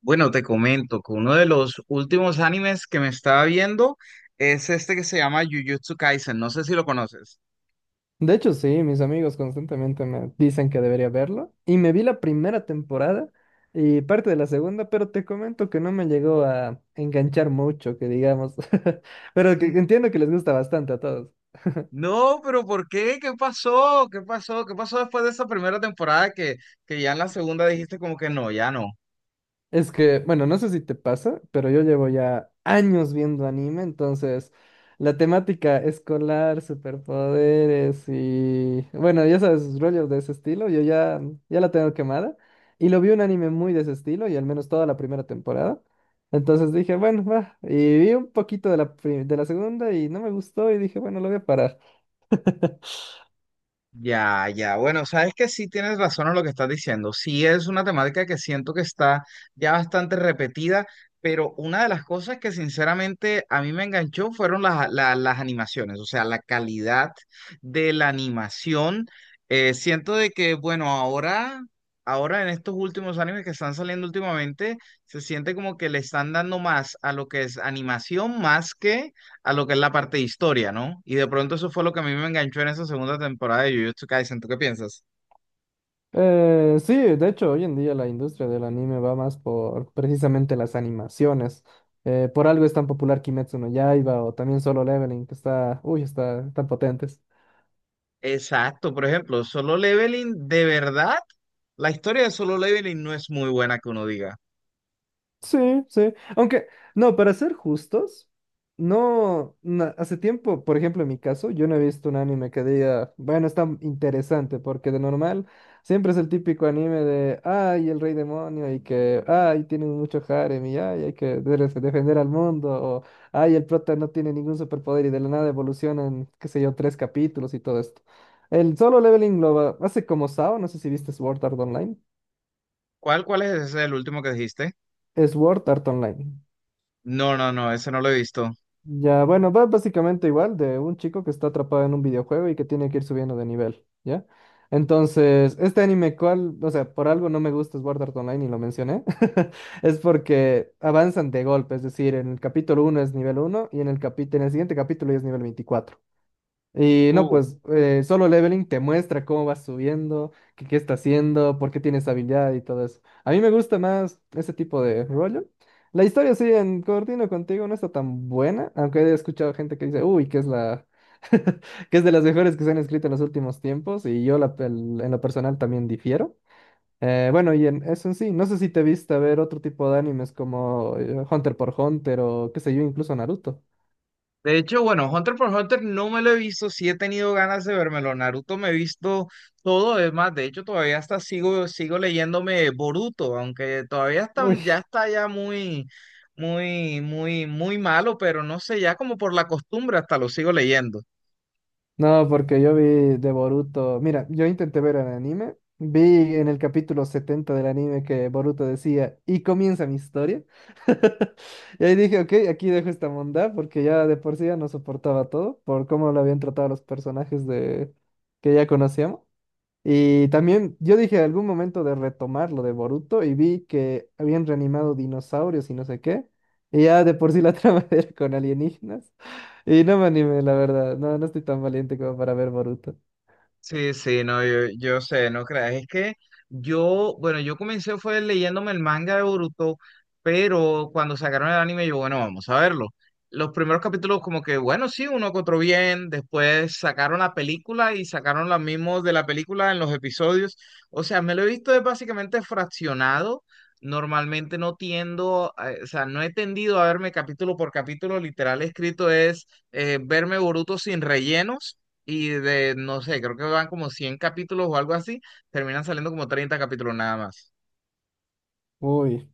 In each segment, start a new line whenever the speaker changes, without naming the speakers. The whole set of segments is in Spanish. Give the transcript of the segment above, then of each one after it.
Bueno, te comento que uno de los últimos animes que me estaba viendo es este que se llama Jujutsu Kaisen. No sé si lo conoces.
De hecho, sí, mis amigos constantemente me dicen que debería verlo. Y me vi la primera temporada y parte de la segunda, pero te comento que no me llegó a enganchar mucho, que digamos. Pero que
N-
entiendo que les gusta bastante a todos.
No, pero ¿por qué? ¿Qué pasó? ¿Qué pasó? ¿Qué pasó después de esa primera temporada que ya en la segunda dijiste como que no, ya no?
Es que, bueno, no sé si te pasa, pero yo llevo ya años viendo anime, entonces la temática escolar, superpoderes y, bueno, ya sabes, rollos de ese estilo, yo ya la tengo quemada. Y lo vi un anime muy de ese estilo, y al menos toda la primera temporada. Entonces dije, bueno, va. Y vi un poquito de la segunda y no me gustó y dije, bueno, lo voy a parar.
Ya, ya. Bueno, sabes que sí tienes razón en lo que estás diciendo. Sí es una temática que siento que está ya bastante repetida, pero una de las cosas que sinceramente a mí me enganchó fueron las animaciones, o sea, la calidad de la animación. Siento de que, bueno, ahora en estos últimos animes que están saliendo últimamente, se siente como que le están dando más a lo que es animación más que a lo que es la parte de historia, ¿no? Y de pronto eso fue lo que a mí me enganchó en esa segunda temporada de Jujutsu Kaisen. ¿Tú qué piensas?
Sí, de hecho, hoy en día la industria del anime va más por precisamente las animaciones. Por algo es tan popular Kimetsu no Yaiba o también Solo Leveling, que está, uy, está tan potente.
Exacto, por ejemplo, Solo Leveling, de verdad, la historia de Solo Leveling no es muy buena que uno diga.
Sí, sí. Aunque, no, para ser justos, no, na- hace tiempo, por ejemplo, en mi caso, yo no he visto un anime que diga, bueno, está interesante, porque de normal siempre es el típico anime de, ay, el rey demonio, y que, ay, tiene mucho harem, y ay, hay que defender al mundo, o, ay, el prota no tiene ningún superpoder y de la nada evoluciona en, qué sé yo, tres capítulos y todo esto. El Solo Leveling hace como Sao, no sé si viste Sword Art Online.
¿Cuál es ese, el último que dijiste?
Sword Art Online.
No, no, no, ese no lo he visto.
Ya, bueno, va básicamente igual de un chico que está atrapado en un videojuego y que tiene que ir subiendo de nivel, ¿ya? Entonces, este anime, ¿cuál? O sea, por algo no me gusta Sword Art Online y lo mencioné. Es porque avanzan de golpe, es decir, en el capítulo uno es nivel uno y en el siguiente capítulo ya es nivel 24. Y no, pues Solo Leveling te muestra cómo vas subiendo, qué, qué está haciendo, por qué tienes habilidad y todo eso. A mí me gusta más ese tipo de rollo. La historia, sí, en Coordino contigo no está tan buena, aunque he escuchado gente que dice, uy, que es que es de las mejores que se han escrito en los últimos tiempos, y yo en lo personal también difiero. Bueno, y en eso en sí, no sé si te viste a ver otro tipo de animes como Hunter por Hunter o qué sé yo, incluso Naruto.
De hecho, bueno, Hunter por Hunter no me lo he visto, sí he tenido ganas de vérmelo. Naruto me he visto todo, es más, de hecho todavía hasta sigo leyéndome Boruto, aunque todavía está ya muy, muy, muy, muy malo, pero no sé, ya como por la costumbre hasta lo sigo leyendo.
No, porque yo vi de Boruto. Mira, yo intenté ver el anime. Vi en el capítulo 70 del anime que Boruto decía, y comienza mi historia. Y ahí dije, ok, aquí dejo esta bondad porque ya de por sí ya no soportaba todo por cómo lo habían tratado a los personajes de que ya conocíamos. Y también yo dije algún momento de retomar lo de Boruto y vi que habían reanimado dinosaurios y no sé qué. Y ya de por sí la trama era con alienígenas. Y no me animé, la verdad. No, no estoy tan valiente como para ver Boruto.
Sí, sí, no, yo sé, no creas. Es que yo comencé fue leyéndome el manga de Boruto, pero cuando sacaron el anime, yo, bueno, vamos a verlo. Los primeros capítulos, como que, bueno, sí, uno que otro bien. Después sacaron la película y sacaron los mismos de la película en los episodios. O sea, me lo he visto es básicamente fraccionado. Normalmente no tiendo, o sea, no he tendido a verme capítulo por capítulo. Literal escrito es verme Boruto sin rellenos y de, no sé, creo que van como 100 capítulos o algo así, terminan saliendo como 30 capítulos nada más.
Uy.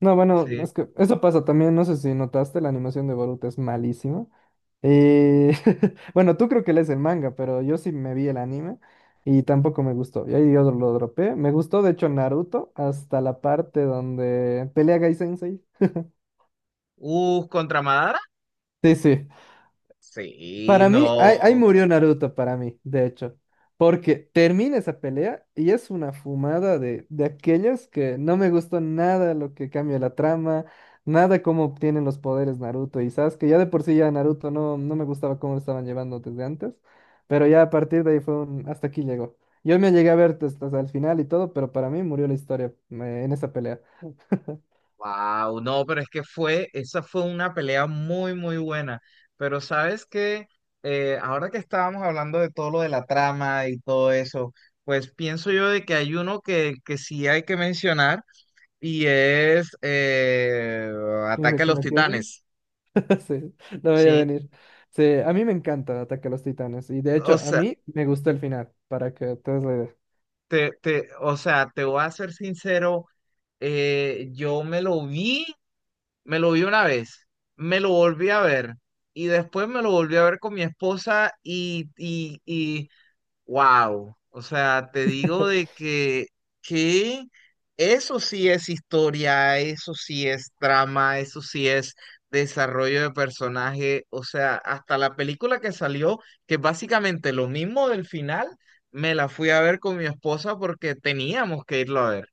No, bueno,
Sí.
es que eso pasa también. No sé si notaste, la animación de Boruto es malísima. Y bueno, tú creo que lees el manga, pero yo sí me vi el anime y tampoco me gustó. Y ahí yo lo dropé. Me gustó, de hecho, Naruto hasta la parte donde pelea Gai Sensei.
Contra Madara.
Sí, sí.
Sí,
Para mí, ahí
no.
murió Naruto, para mí, de hecho. Porque termina esa pelea y es una fumada de aquellas que no me gustó nada lo que cambia la trama, nada cómo obtienen los poderes Naruto y Sasuke. Ya de por sí ya Naruto no, no me gustaba cómo lo estaban llevando desde antes, pero ya a partir de ahí fue un... hasta aquí llegó. Yo me llegué a ver hasta, hasta el final y todo, pero para mí murió la historia en esa pelea.
Wow, no, pero es que fue, esa fue una pelea muy, muy buena. Pero sabes que ahora que estábamos hablando de todo lo de la trama y todo eso, pues pienso yo de que hay uno que sí hay que mencionar y es Ataque a
Shingeki
los
no Kyojin.
Titanes.
Sí, no voy a
Sí,
venir. Sí, a mí me encanta Ataque a los Titanes. Y de hecho,
o
a
sea,
mí me gustó el final, para que te des la idea.
O sea, te voy a ser sincero, yo me lo vi una vez, me lo volví a ver y después me lo volví a ver con mi esposa wow, o sea, te digo de que eso sí es historia, eso sí es trama, eso sí es desarrollo de personaje, o sea, hasta la película que salió, que es básicamente lo mismo del final, me la fui a ver con mi esposa porque teníamos que irlo a ver.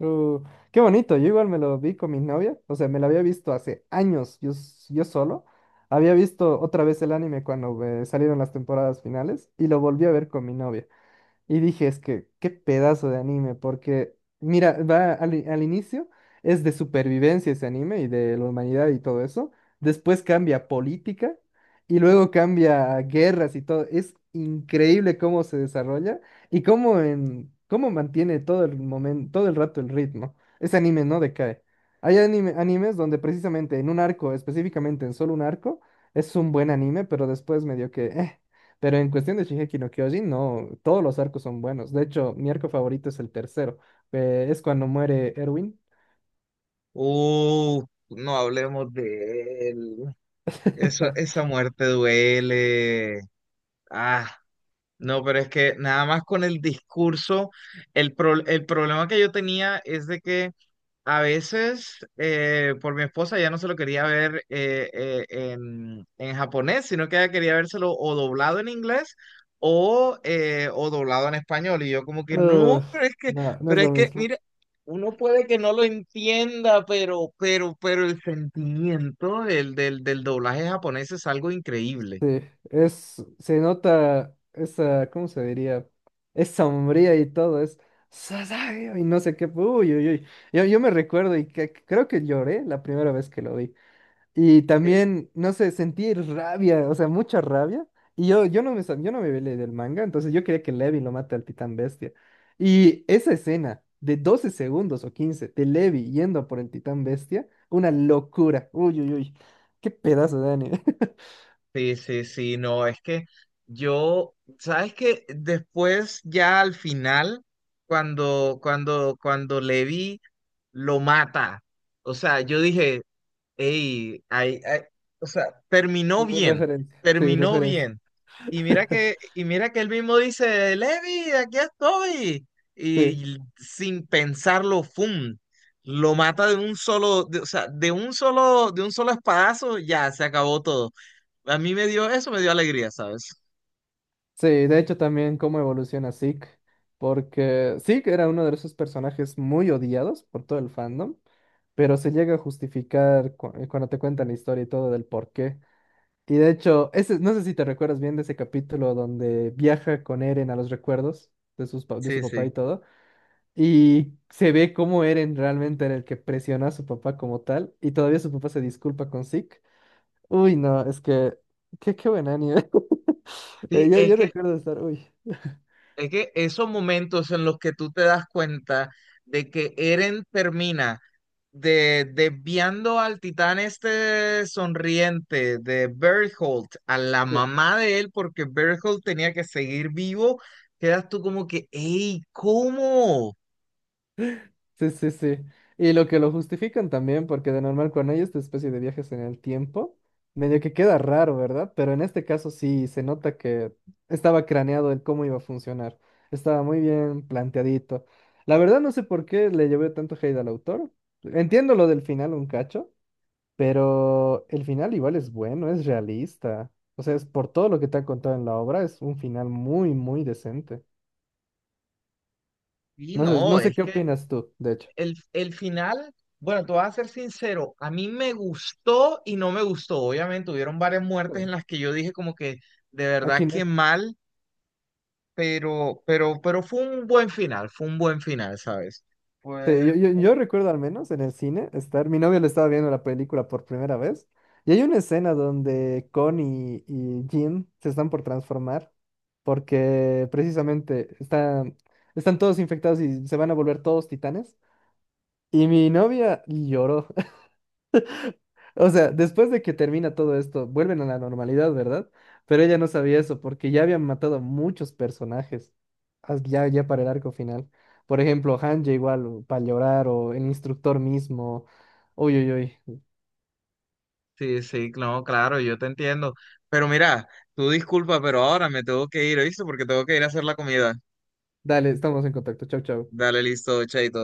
Uh, qué bonito, yo igual me lo vi con mi novia, o sea, me lo había visto hace años, yo solo, había visto otra vez el anime cuando salieron las temporadas finales y lo volví a ver con mi novia. Y dije, es que qué pedazo de anime, porque mira, va al inicio es de supervivencia ese anime y de la humanidad y todo eso. Después cambia a política y luego cambia a guerras y todo. Es increíble cómo se desarrolla y cómo mantiene todo el momento, todo el rato el ritmo. Ese anime no decae. Hay animes donde precisamente en un arco, específicamente en solo un arco, es un buen anime, pero después medio que. Pero en cuestión de Shingeki no Kyojin, no, todos los arcos son buenos. De hecho, mi arco favorito es el tercero. Es cuando muere Erwin.
Uh, no hablemos de él. Esa muerte duele. Ah. No, pero es que nada más con el discurso, el problema que yo tenía es de que a veces por mi esposa ya no se lo quería ver en japonés, sino que ella quería vérselo o doblado en inglés o doblado en español. Y yo como que no,
Uf, no, no es
pero
lo
es que,
mismo.
mira, uno puede que no lo entienda, pero el sentimiento del doblaje japonés es algo increíble.
Sí, es, se nota esa, ¿cómo se diría? Es sombría y todo, es Sasageo y no sé qué. Uy, uy, uy. Yo me recuerdo y que, creo que lloré la primera vez que lo vi. Y también, no sé, sentí rabia, o sea, mucha rabia. Y yo no me velé del manga, entonces yo quería que Levi lo mate al titán bestia. Y esa escena de 12 segundos o 15 de Levi yendo por el titán bestia, una locura. Uy, uy, uy. Qué pedazo de anime.
Sí, sí, sí, no, es que yo, sabes que después ya al final, cuando Levi lo mata, o sea, yo dije, "hey, ay, ay", o sea, terminó bien,
Referencia, sí,
terminó
referencia.
bien. Y mira que él mismo dice, Levi, aquí estoy.
Sí.
Y sin pensarlo, ¡fum! Lo mata de un solo, de- o sea, de un solo espadazo, ya se acabó todo. A mí me dio, eso me dio alegría, ¿sabes?
Sí, de hecho también cómo evoluciona Zeke, porque Zeke era uno de esos personajes muy odiados por todo el fandom, pero se llega a justificar cuando te cuentan la historia y todo del por qué. Y de hecho, ese, no sé si te recuerdas bien de ese capítulo donde viaja con Eren a los recuerdos de su
Sí,
papá
sí.
y todo, y se ve cómo Eren realmente era el que presionó a su papá como tal, y todavía su papá se disculpa con Zeke. Uy, no, es que, qué, qué buen anime. Eh,
Sí,
yo, yo recuerdo estar, uy.
es que esos momentos en los que tú te das cuenta de que Eren termina desviando al titán este sonriente de Bertholdt, a la mamá de él, porque Bertholdt tenía que seguir vivo, quedas tú como que, ¡ey, cómo!
Sí, sí, sí. Y lo que lo justifican también, porque de normal cuando hay esta especie de viajes en el tiempo, medio que queda raro, ¿verdad? Pero en este caso sí se nota que estaba craneado el cómo iba a funcionar. Estaba muy bien planteadito. La verdad no sé por qué le llevé tanto hate al autor. Entiendo lo del final un cacho, pero el final igual es bueno, es realista. O sea, es por todo lo que te han contado en la obra, es un final muy, muy decente.
Y
No sé,
no,
no sé
es
qué
que
opinas tú, de hecho.
El final, bueno, te voy a ser sincero, a mí me gustó y no me gustó. Obviamente, hubieron varias
Sí.
muertes en las que yo dije como que de verdad
Aquí no.
que mal, pero fue un buen final, fue un buen final, ¿sabes?
Sí,
Pues,
yo recuerdo al menos en el cine estar, mi novio le estaba viendo la película por primera vez y hay una escena donde Connie y Jim se están por transformar porque precisamente están todos infectados y se van a volver todos titanes y mi novia lloró o sea, después de que termina todo esto, vuelven a la normalidad, ¿verdad? Pero ella no sabía eso, porque ya habían matado a muchos personajes, ya para el arco final. Por ejemplo, Hanja igual, para llorar, o el instructor mismo. Uy, uy, uy.
sí, sí, claro, claro, yo te entiendo. Pero mira, tú disculpa, pero ahora me tengo que ir, ¿oíste? Porque tengo que ir a hacer la comida.
Dale, estamos en contacto. Chau, chau.
Dale, listo, chaito.